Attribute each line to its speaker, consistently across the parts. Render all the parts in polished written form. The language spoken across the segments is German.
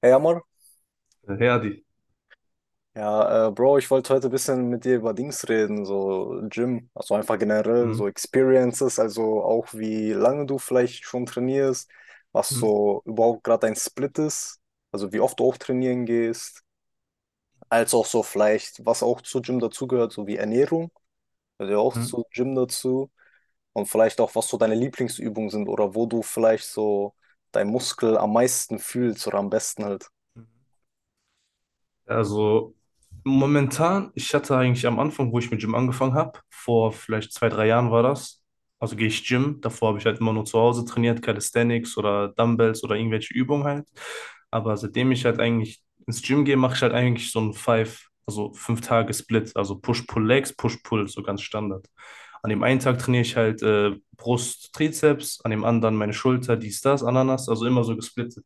Speaker 1: Hey Amor,
Speaker 2: Herdi.
Speaker 1: ja, Bro, ich wollte heute ein bisschen mit dir über Dings reden, so Gym, also einfach generell
Speaker 2: Mhm.
Speaker 1: so Experiences, also auch wie lange du vielleicht schon trainierst, was so überhaupt gerade dein Split ist, also wie oft du auch trainieren gehst, als auch so vielleicht, was auch zu Gym dazugehört, so wie Ernährung, also auch
Speaker 2: Mhm.
Speaker 1: zu Gym dazu, und vielleicht auch, was so deine Lieblingsübungen sind oder wo du vielleicht so dein Muskel am meisten fühlst oder am besten halt.
Speaker 2: Mhm. Also momentan, ich hatte eigentlich am Anfang, wo ich mit Gym angefangen habe, vor vielleicht zwei, drei Jahren war das, also gehe ich Gym. Davor habe ich halt immer nur zu Hause trainiert, Calisthenics oder Dumbbells oder irgendwelche Übungen halt. Aber seitdem ich halt eigentlich ins Gym gehe, mache ich halt eigentlich so einen Five, also 5 Tage Split, also Push-Pull-Legs, Push-Pull, so ganz Standard. An dem einen Tag trainiere ich halt Brust, Trizeps, an dem anderen meine Schulter, dies, das, Ananas, also immer so gesplittet.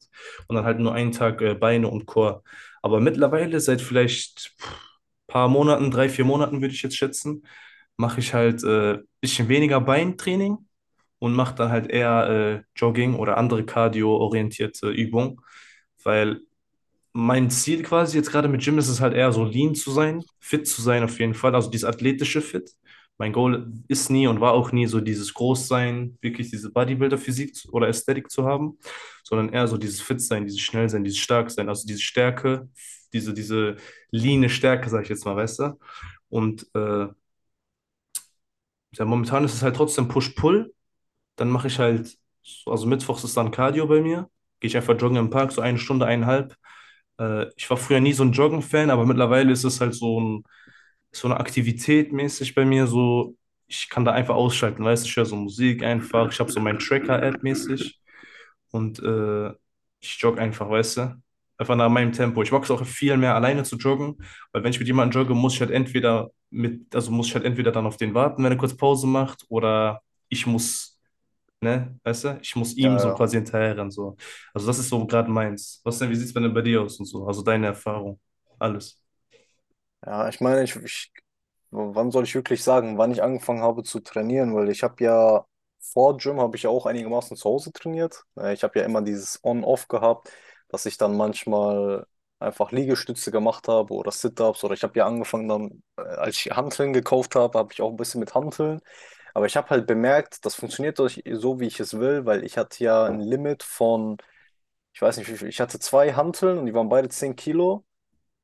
Speaker 2: Und dann halt nur einen Tag Beine und Core. Aber mittlerweile, seit vielleicht paar Monaten, drei, vier Monaten würde ich jetzt schätzen, mache ich halt bisschen weniger Beintraining und mache dann halt eher Jogging oder andere cardio-orientierte Übungen, weil mein Ziel quasi jetzt gerade mit Gym ist es halt eher so lean zu sein, fit zu sein auf jeden Fall, also dieses athletische Fit. Mein Goal ist nie und war auch nie so dieses Großsein, wirklich diese Bodybuilder-Physik zu- oder Ästhetik zu haben, sondern eher so dieses Fit-Sein, dieses schnell sein, dieses stark sein, also diese Stärke, diese leane Stärke, sag ich jetzt mal, weißt du? Und äh, ja, momentan ist es halt trotzdem Push-Pull, dann mache ich halt, so, also mittwochs ist dann Cardio bei mir. Gehe ich einfach joggen im Park, so eine Stunde, 1,5. Ich war früher nie so ein Joggen-Fan, aber mittlerweile ist es halt so ein, so eine Aktivität mäßig bei mir. So, ich kann da einfach ausschalten, weißt du, ich höre so Musik einfach. Ich habe so mein Tracker-App mäßig und ich jogge einfach, weißt du. Einfach nach meinem Tempo. Ich mag es auch viel mehr alleine zu joggen, weil wenn ich mit jemandem jogge, muss ich halt entweder mit, also muss ich halt entweder dann auf den warten, wenn er kurz Pause macht, oder ich muss ne? Weißt du? Ich muss
Speaker 1: Ja,
Speaker 2: ihm so
Speaker 1: ja,
Speaker 2: quasi hinterherrennen, so. Also das ist so gerade meins. Was denn, wie sieht's bei dir aus und so? Also deine Erfahrung, alles.
Speaker 1: ja, ja, ich meine, wann soll ich wirklich sagen, wann ich angefangen habe zu trainieren, weil ich habe ja vor Gym habe ich ja auch einigermaßen zu Hause trainiert. Ich habe ja immer dieses On-Off gehabt, dass ich dann manchmal einfach Liegestütze gemacht habe oder Sit-Ups, oder ich habe ja angefangen dann, als ich Hanteln gekauft habe, habe ich auch ein bisschen mit Hanteln. Aber ich habe halt bemerkt, das funktioniert doch so, wie ich es will, weil ich hatte ja ein Limit von, ich weiß nicht, ich hatte zwei Hanteln und die waren beide 10 kg.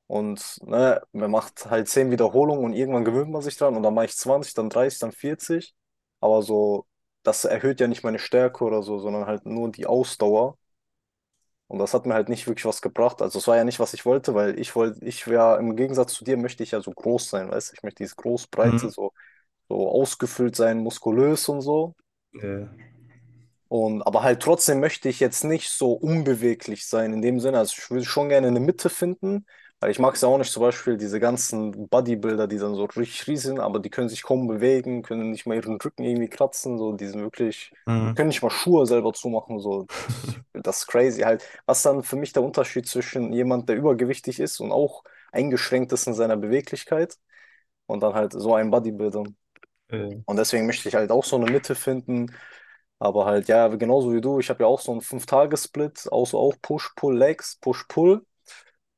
Speaker 1: Und ne, man macht halt 10 Wiederholungen und irgendwann gewöhnt man sich dran und dann mache ich 20, dann 30, dann 40. Aber so, das erhöht ja nicht meine Stärke oder so, sondern halt nur die Ausdauer. Und das hat mir halt nicht wirklich was gebracht. Also es war ja nicht, was ich wollte, weil ich wollte, ich wäre, im Gegensatz zu dir, möchte ich ja so groß sein, weißt du? Ich möchte dieses Großbreite,
Speaker 2: Mhm.
Speaker 1: so, so ausgefüllt sein, muskulös und so.
Speaker 2: Ja.
Speaker 1: Und, aber halt trotzdem möchte ich jetzt nicht so unbeweglich sein in dem Sinne. Also ich will schon gerne eine Mitte finden, weil ich mag es ja auch nicht, zum Beispiel diese ganzen Bodybuilder, die dann so richtig riesig sind, aber die können sich kaum bewegen, können nicht mal ihren Rücken irgendwie kratzen, so die sind wirklich,
Speaker 2: Mhm.
Speaker 1: können nicht mal Schuhe selber zumachen, so ich, das ist crazy halt. Was dann für mich der Unterschied zwischen jemand, der übergewichtig ist und auch eingeschränkt ist in seiner Beweglichkeit und dann halt so einem Bodybuilder.
Speaker 2: Äh,
Speaker 1: Und deswegen möchte ich halt auch so eine Mitte finden, aber halt, ja, genauso wie du, ich habe ja auch so einen Fünf-Tage-Split, also auch Push-Pull-Legs, Push-Pull.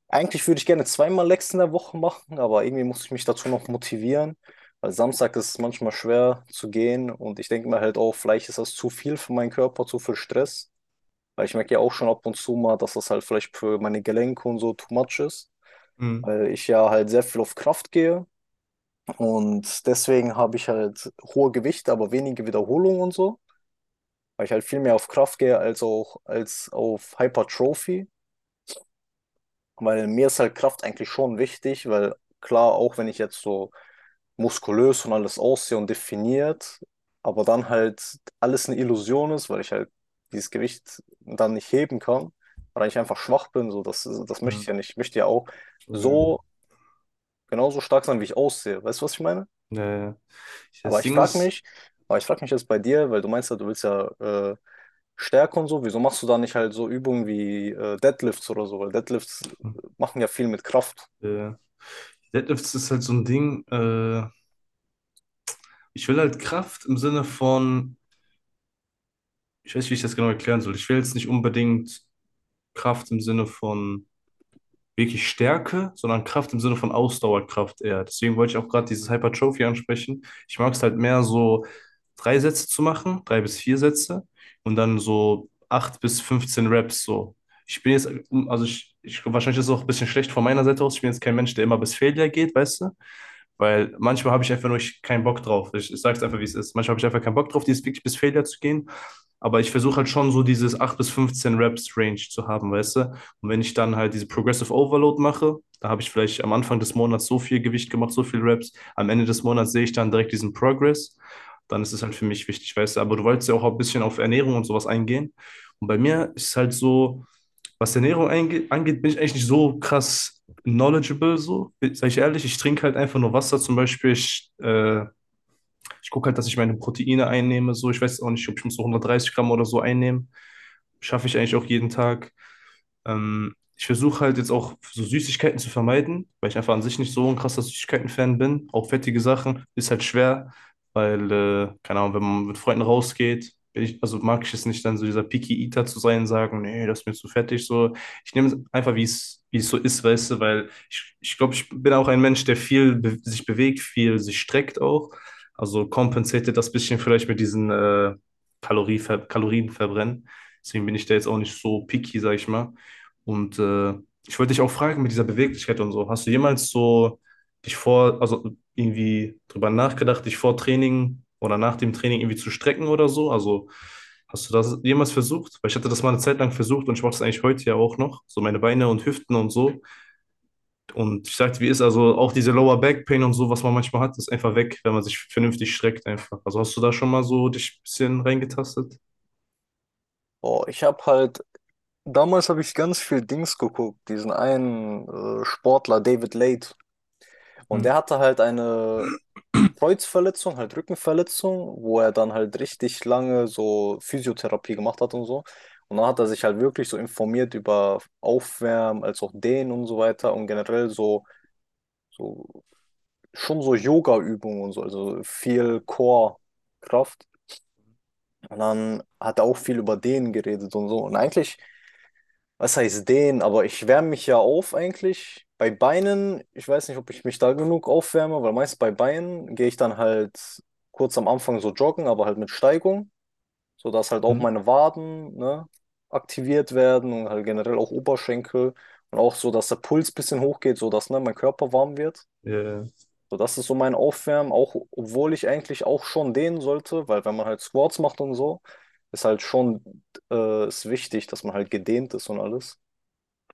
Speaker 1: Eigentlich würde ich gerne zweimal Legs in der Woche machen, aber irgendwie muss ich mich dazu noch motivieren, weil Samstag ist es manchmal schwer zu gehen und ich denke mir halt auch, vielleicht ist das zu viel für meinen Körper, zu viel Stress, weil ich merke ja auch schon ab und zu mal, dass das halt vielleicht für meine Gelenke und so too much ist,
Speaker 2: mhm.
Speaker 1: weil ich ja halt sehr viel auf Kraft gehe und deswegen habe ich halt hohe Gewichte, aber wenige Wiederholungen und so. Weil ich halt viel mehr auf Kraft gehe als auf Hypertrophie, weil mir ist halt Kraft eigentlich schon wichtig, weil klar, auch wenn ich jetzt so muskulös und alles aussehe und definiert, aber dann halt alles eine Illusion ist, weil ich halt dieses Gewicht dann nicht heben kann, weil ich einfach schwach bin, so das, das möchte ich
Speaker 2: Ja.
Speaker 1: ja nicht. Ich möchte ja auch
Speaker 2: Entschuldigung.
Speaker 1: so genauso stark sein, wie ich aussehe. Weißt du, was ich meine?
Speaker 2: Naja.
Speaker 1: Aber
Speaker 2: Das
Speaker 1: ich
Speaker 2: Ding
Speaker 1: frage
Speaker 2: ist,
Speaker 1: mich, aber ich frage mich jetzt bei dir, weil du meinst ja, du willst ja stärker und so, wieso machst du da nicht halt so Übungen wie Deadlifts oder so? Weil Deadlifts machen ja viel mit Kraft.
Speaker 2: äh, Deadlifts ist halt so ein Ding, ich will halt Kraft im Sinne von, ich weiß nicht, wie ich das genau erklären soll. Ich will jetzt nicht unbedingt Kraft im Sinne von wirklich Stärke, sondern Kraft im Sinne von Ausdauerkraft eher. Deswegen wollte ich auch gerade dieses Hypertrophy ansprechen. Ich mag es halt mehr so drei Sätze zu machen, drei bis vier Sätze und dann so 8 bis 15 Reps so. Ich bin jetzt, wahrscheinlich ist es auch ein bisschen schlecht von meiner Seite aus. Ich bin jetzt kein Mensch, der immer bis Failure geht, weißt du? Weil manchmal habe ich einfach keinen Bock drauf. Ich sage es einfach, wie es ist. Manchmal habe ich einfach keinen Bock drauf, dieses wirklich bis Failure zu gehen. Aber ich versuche halt schon so dieses 8 bis 15 Reps Range zu haben, weißt du? Und wenn ich dann halt diese Progressive Overload mache, da habe ich vielleicht am Anfang des Monats so viel Gewicht gemacht, so viel Reps. Am Ende des Monats sehe ich dann direkt diesen Progress. Dann ist es halt für mich wichtig, weißt du. Aber du wolltest ja auch ein bisschen auf Ernährung und sowas eingehen. Und bei mir ist es halt so, was Ernährung angeht, bin ich eigentlich nicht so krass knowledgeable, so, sage ich ehrlich. Ich trinke halt einfach nur Wasser zum Beispiel. Ich gucke halt, dass ich meine Proteine einnehme, so. Ich weiß auch nicht, ob ich muss so 130 Gramm oder so einnehmen. Schaffe ich eigentlich auch jeden Tag. Ich versuche halt jetzt auch so Süßigkeiten zu vermeiden, weil ich einfach an sich nicht so ein krasser Süßigkeiten-Fan bin. Auch fettige Sachen ist halt schwer, weil, keine Ahnung, wenn man mit Freunden rausgeht, bin ich, also mag ich es nicht, dann so dieser Picky Eater zu sein, sagen, nee, das ist mir zu fettig. So, ich nehme es einfach, wie es so ist, weißt du, weil ich glaube, ich bin auch ein Mensch, der viel be sich bewegt, viel sich streckt auch. Also kompensiert das bisschen vielleicht mit diesen Kaloriever Kalorienverbrennen. Deswegen bin ich da jetzt auch nicht so picky, sag ich mal. Und äh, Ich wollte dich auch fragen mit dieser Beweglichkeit und so. Hast du jemals so also irgendwie drüber nachgedacht, dich vor Training oder nach dem Training irgendwie zu strecken oder so? Also hast du das jemals versucht? Weil ich hatte das mal eine Zeit lang versucht und ich mache das eigentlich heute ja auch noch. So meine Beine und Hüften und so. Und ich sagte, wie ist also auch diese Lower Back Pain und so, was man manchmal hat, ist einfach weg, wenn man sich vernünftig streckt einfach. Also hast du da schon mal so dich ein bisschen reingetastet?
Speaker 1: Boah, ich habe halt, damals habe ich ganz viel Dings geguckt, diesen einen Sportler, David Late. Und
Speaker 2: Hm.
Speaker 1: der hatte halt eine Kreuzverletzung, halt Rückenverletzung, wo er dann halt richtig lange so Physiotherapie gemacht hat und so. Und dann hat er sich halt wirklich so informiert über Aufwärmen, als auch Dehnen und so weiter und generell so. So, schon so Yoga-Übungen und so, also viel Core-Kraft. Und dann hat er auch viel über Dehnen geredet und so. Und eigentlich, was heißt Dehnen? Aber ich wärme mich ja auf eigentlich. Bei Beinen, ich weiß nicht, ob ich mich da genug aufwärme, weil meist bei Beinen gehe ich dann halt kurz am Anfang so joggen, aber halt mit Steigung, sodass halt auch
Speaker 2: Mhm.
Speaker 1: meine Waden, ne, aktiviert werden und halt generell auch Oberschenkel und auch so, dass der Puls ein bisschen hochgeht, sodass, ne, mein Körper warm wird.
Speaker 2: Ja.
Speaker 1: So, das ist so mein Aufwärmen, auch obwohl ich eigentlich auch schon dehnen sollte, weil wenn man halt Squats macht und so, ist halt schon ist wichtig, dass man halt gedehnt ist und alles.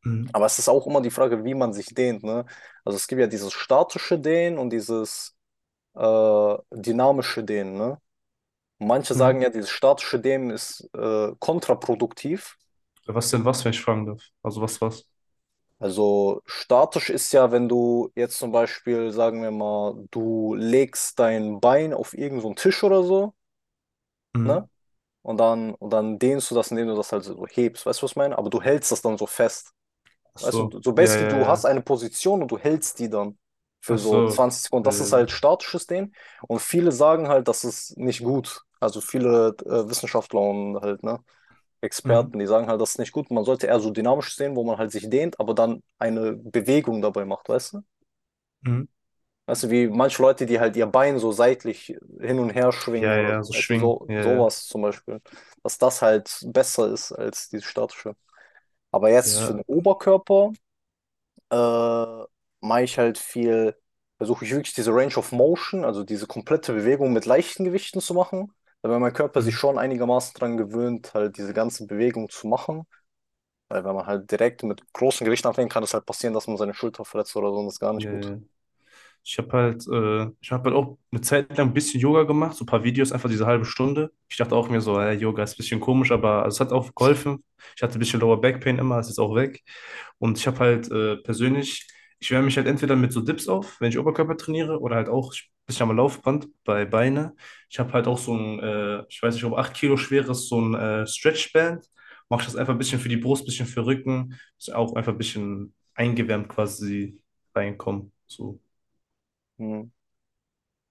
Speaker 2: Mhm.
Speaker 1: Aber es ist auch immer die Frage, wie man sich dehnt, ne? Also es gibt ja dieses statische Dehnen und dieses dynamische Dehnen, ne? Manche sagen
Speaker 2: Mhm.
Speaker 1: ja, dieses statische Dehnen ist kontraproduktiv.
Speaker 2: Was denn was, wenn ich fragen darf? Also was, was?
Speaker 1: Also statisch ist ja, wenn du jetzt zum Beispiel, sagen wir mal, du legst dein Bein auf irgendeinen so einen Tisch oder so, ne?
Speaker 2: Mhm.
Speaker 1: Und dann dehnst du das, indem du das halt so hebst. Weißt du, was ich meine? Aber du hältst das dann so fest.
Speaker 2: Ach
Speaker 1: Weißt du,
Speaker 2: so,
Speaker 1: so
Speaker 2: ja,
Speaker 1: basically,
Speaker 2: ja,
Speaker 1: du hast
Speaker 2: ja.
Speaker 1: eine Position und du hältst die dann für
Speaker 2: Ach
Speaker 1: so
Speaker 2: so,
Speaker 1: 20 Sekunden. Das ist halt
Speaker 2: mhm.
Speaker 1: statisches Dehnen. Und viele sagen halt, das ist nicht gut. Also viele Wissenschaftler und halt, ne, Experten, die sagen halt, das ist nicht gut. Man sollte eher so dynamisches Dehnen, wo man halt sich dehnt, aber dann eine Bewegung dabei macht, weißt du?
Speaker 2: Mhm.
Speaker 1: Weißt du, wie manche Leute, die halt ihr Bein so seitlich hin und her schwingen
Speaker 2: Ja,
Speaker 1: oder
Speaker 2: ja,
Speaker 1: so.
Speaker 2: so
Speaker 1: Weißt du,
Speaker 2: schwingen,
Speaker 1: so,
Speaker 2: ja, ja,
Speaker 1: sowas zum Beispiel. Dass das halt besser ist als dieses statische. Aber jetzt für den
Speaker 2: ja,
Speaker 1: Oberkörper äh, mache ich halt viel, versuche ich wirklich diese Range of Motion, also diese komplette Bewegung mit leichten Gewichten zu machen. Weil mein Körper sich
Speaker 2: mhm.
Speaker 1: schon einigermaßen daran gewöhnt, halt diese ganze Bewegung zu machen. Weil wenn man halt direkt mit großen Gewichten anfängt, kann es halt passieren, dass man seine Schulter verletzt oder so und das ist gar nicht
Speaker 2: Ja,
Speaker 1: gut.
Speaker 2: ja. Ich habe halt auch eine Zeit lang ein bisschen Yoga gemacht, so ein paar Videos, einfach diese halbe Stunde. Ich dachte auch mir so, Yoga ist ein bisschen komisch, aber also es hat auch geholfen. Ich hatte ein bisschen Lower Back Pain immer, es ist auch weg. Und ich habe halt persönlich, ich wärme mich halt entweder mit so Dips auf, wenn ich Oberkörper trainiere, oder halt auch ein bisschen am Laufband bei Beine. Ich habe halt auch so ein, ich weiß nicht, ob 8 Kilo schweres, so ein Stretchband. Mache ich das einfach ein bisschen für die Brust, ein bisschen für den Rücken. Ist auch einfach ein bisschen eingewärmt quasi reinkommen. So.
Speaker 1: Hm.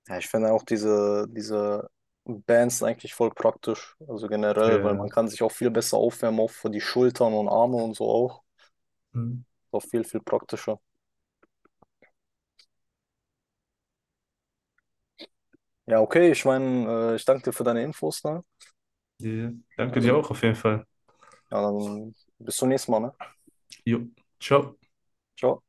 Speaker 1: Ja, ich finde auch diese Bands sind eigentlich voll praktisch, also generell, weil man
Speaker 2: Ja.
Speaker 1: kann sich auch viel besser aufwärmen, auch für die Schultern und Arme und so auch.
Speaker 2: Hm.
Speaker 1: Auch viel praktischer. Ja, okay, ich meine, ich danke dir für deine Infos, ne?
Speaker 2: Ja. Danke dir
Speaker 1: Also,
Speaker 2: auch auf jeden Fall.
Speaker 1: ja, dann bis zum nächsten Mal, ne?
Speaker 2: Jo. Ciao.
Speaker 1: Ciao.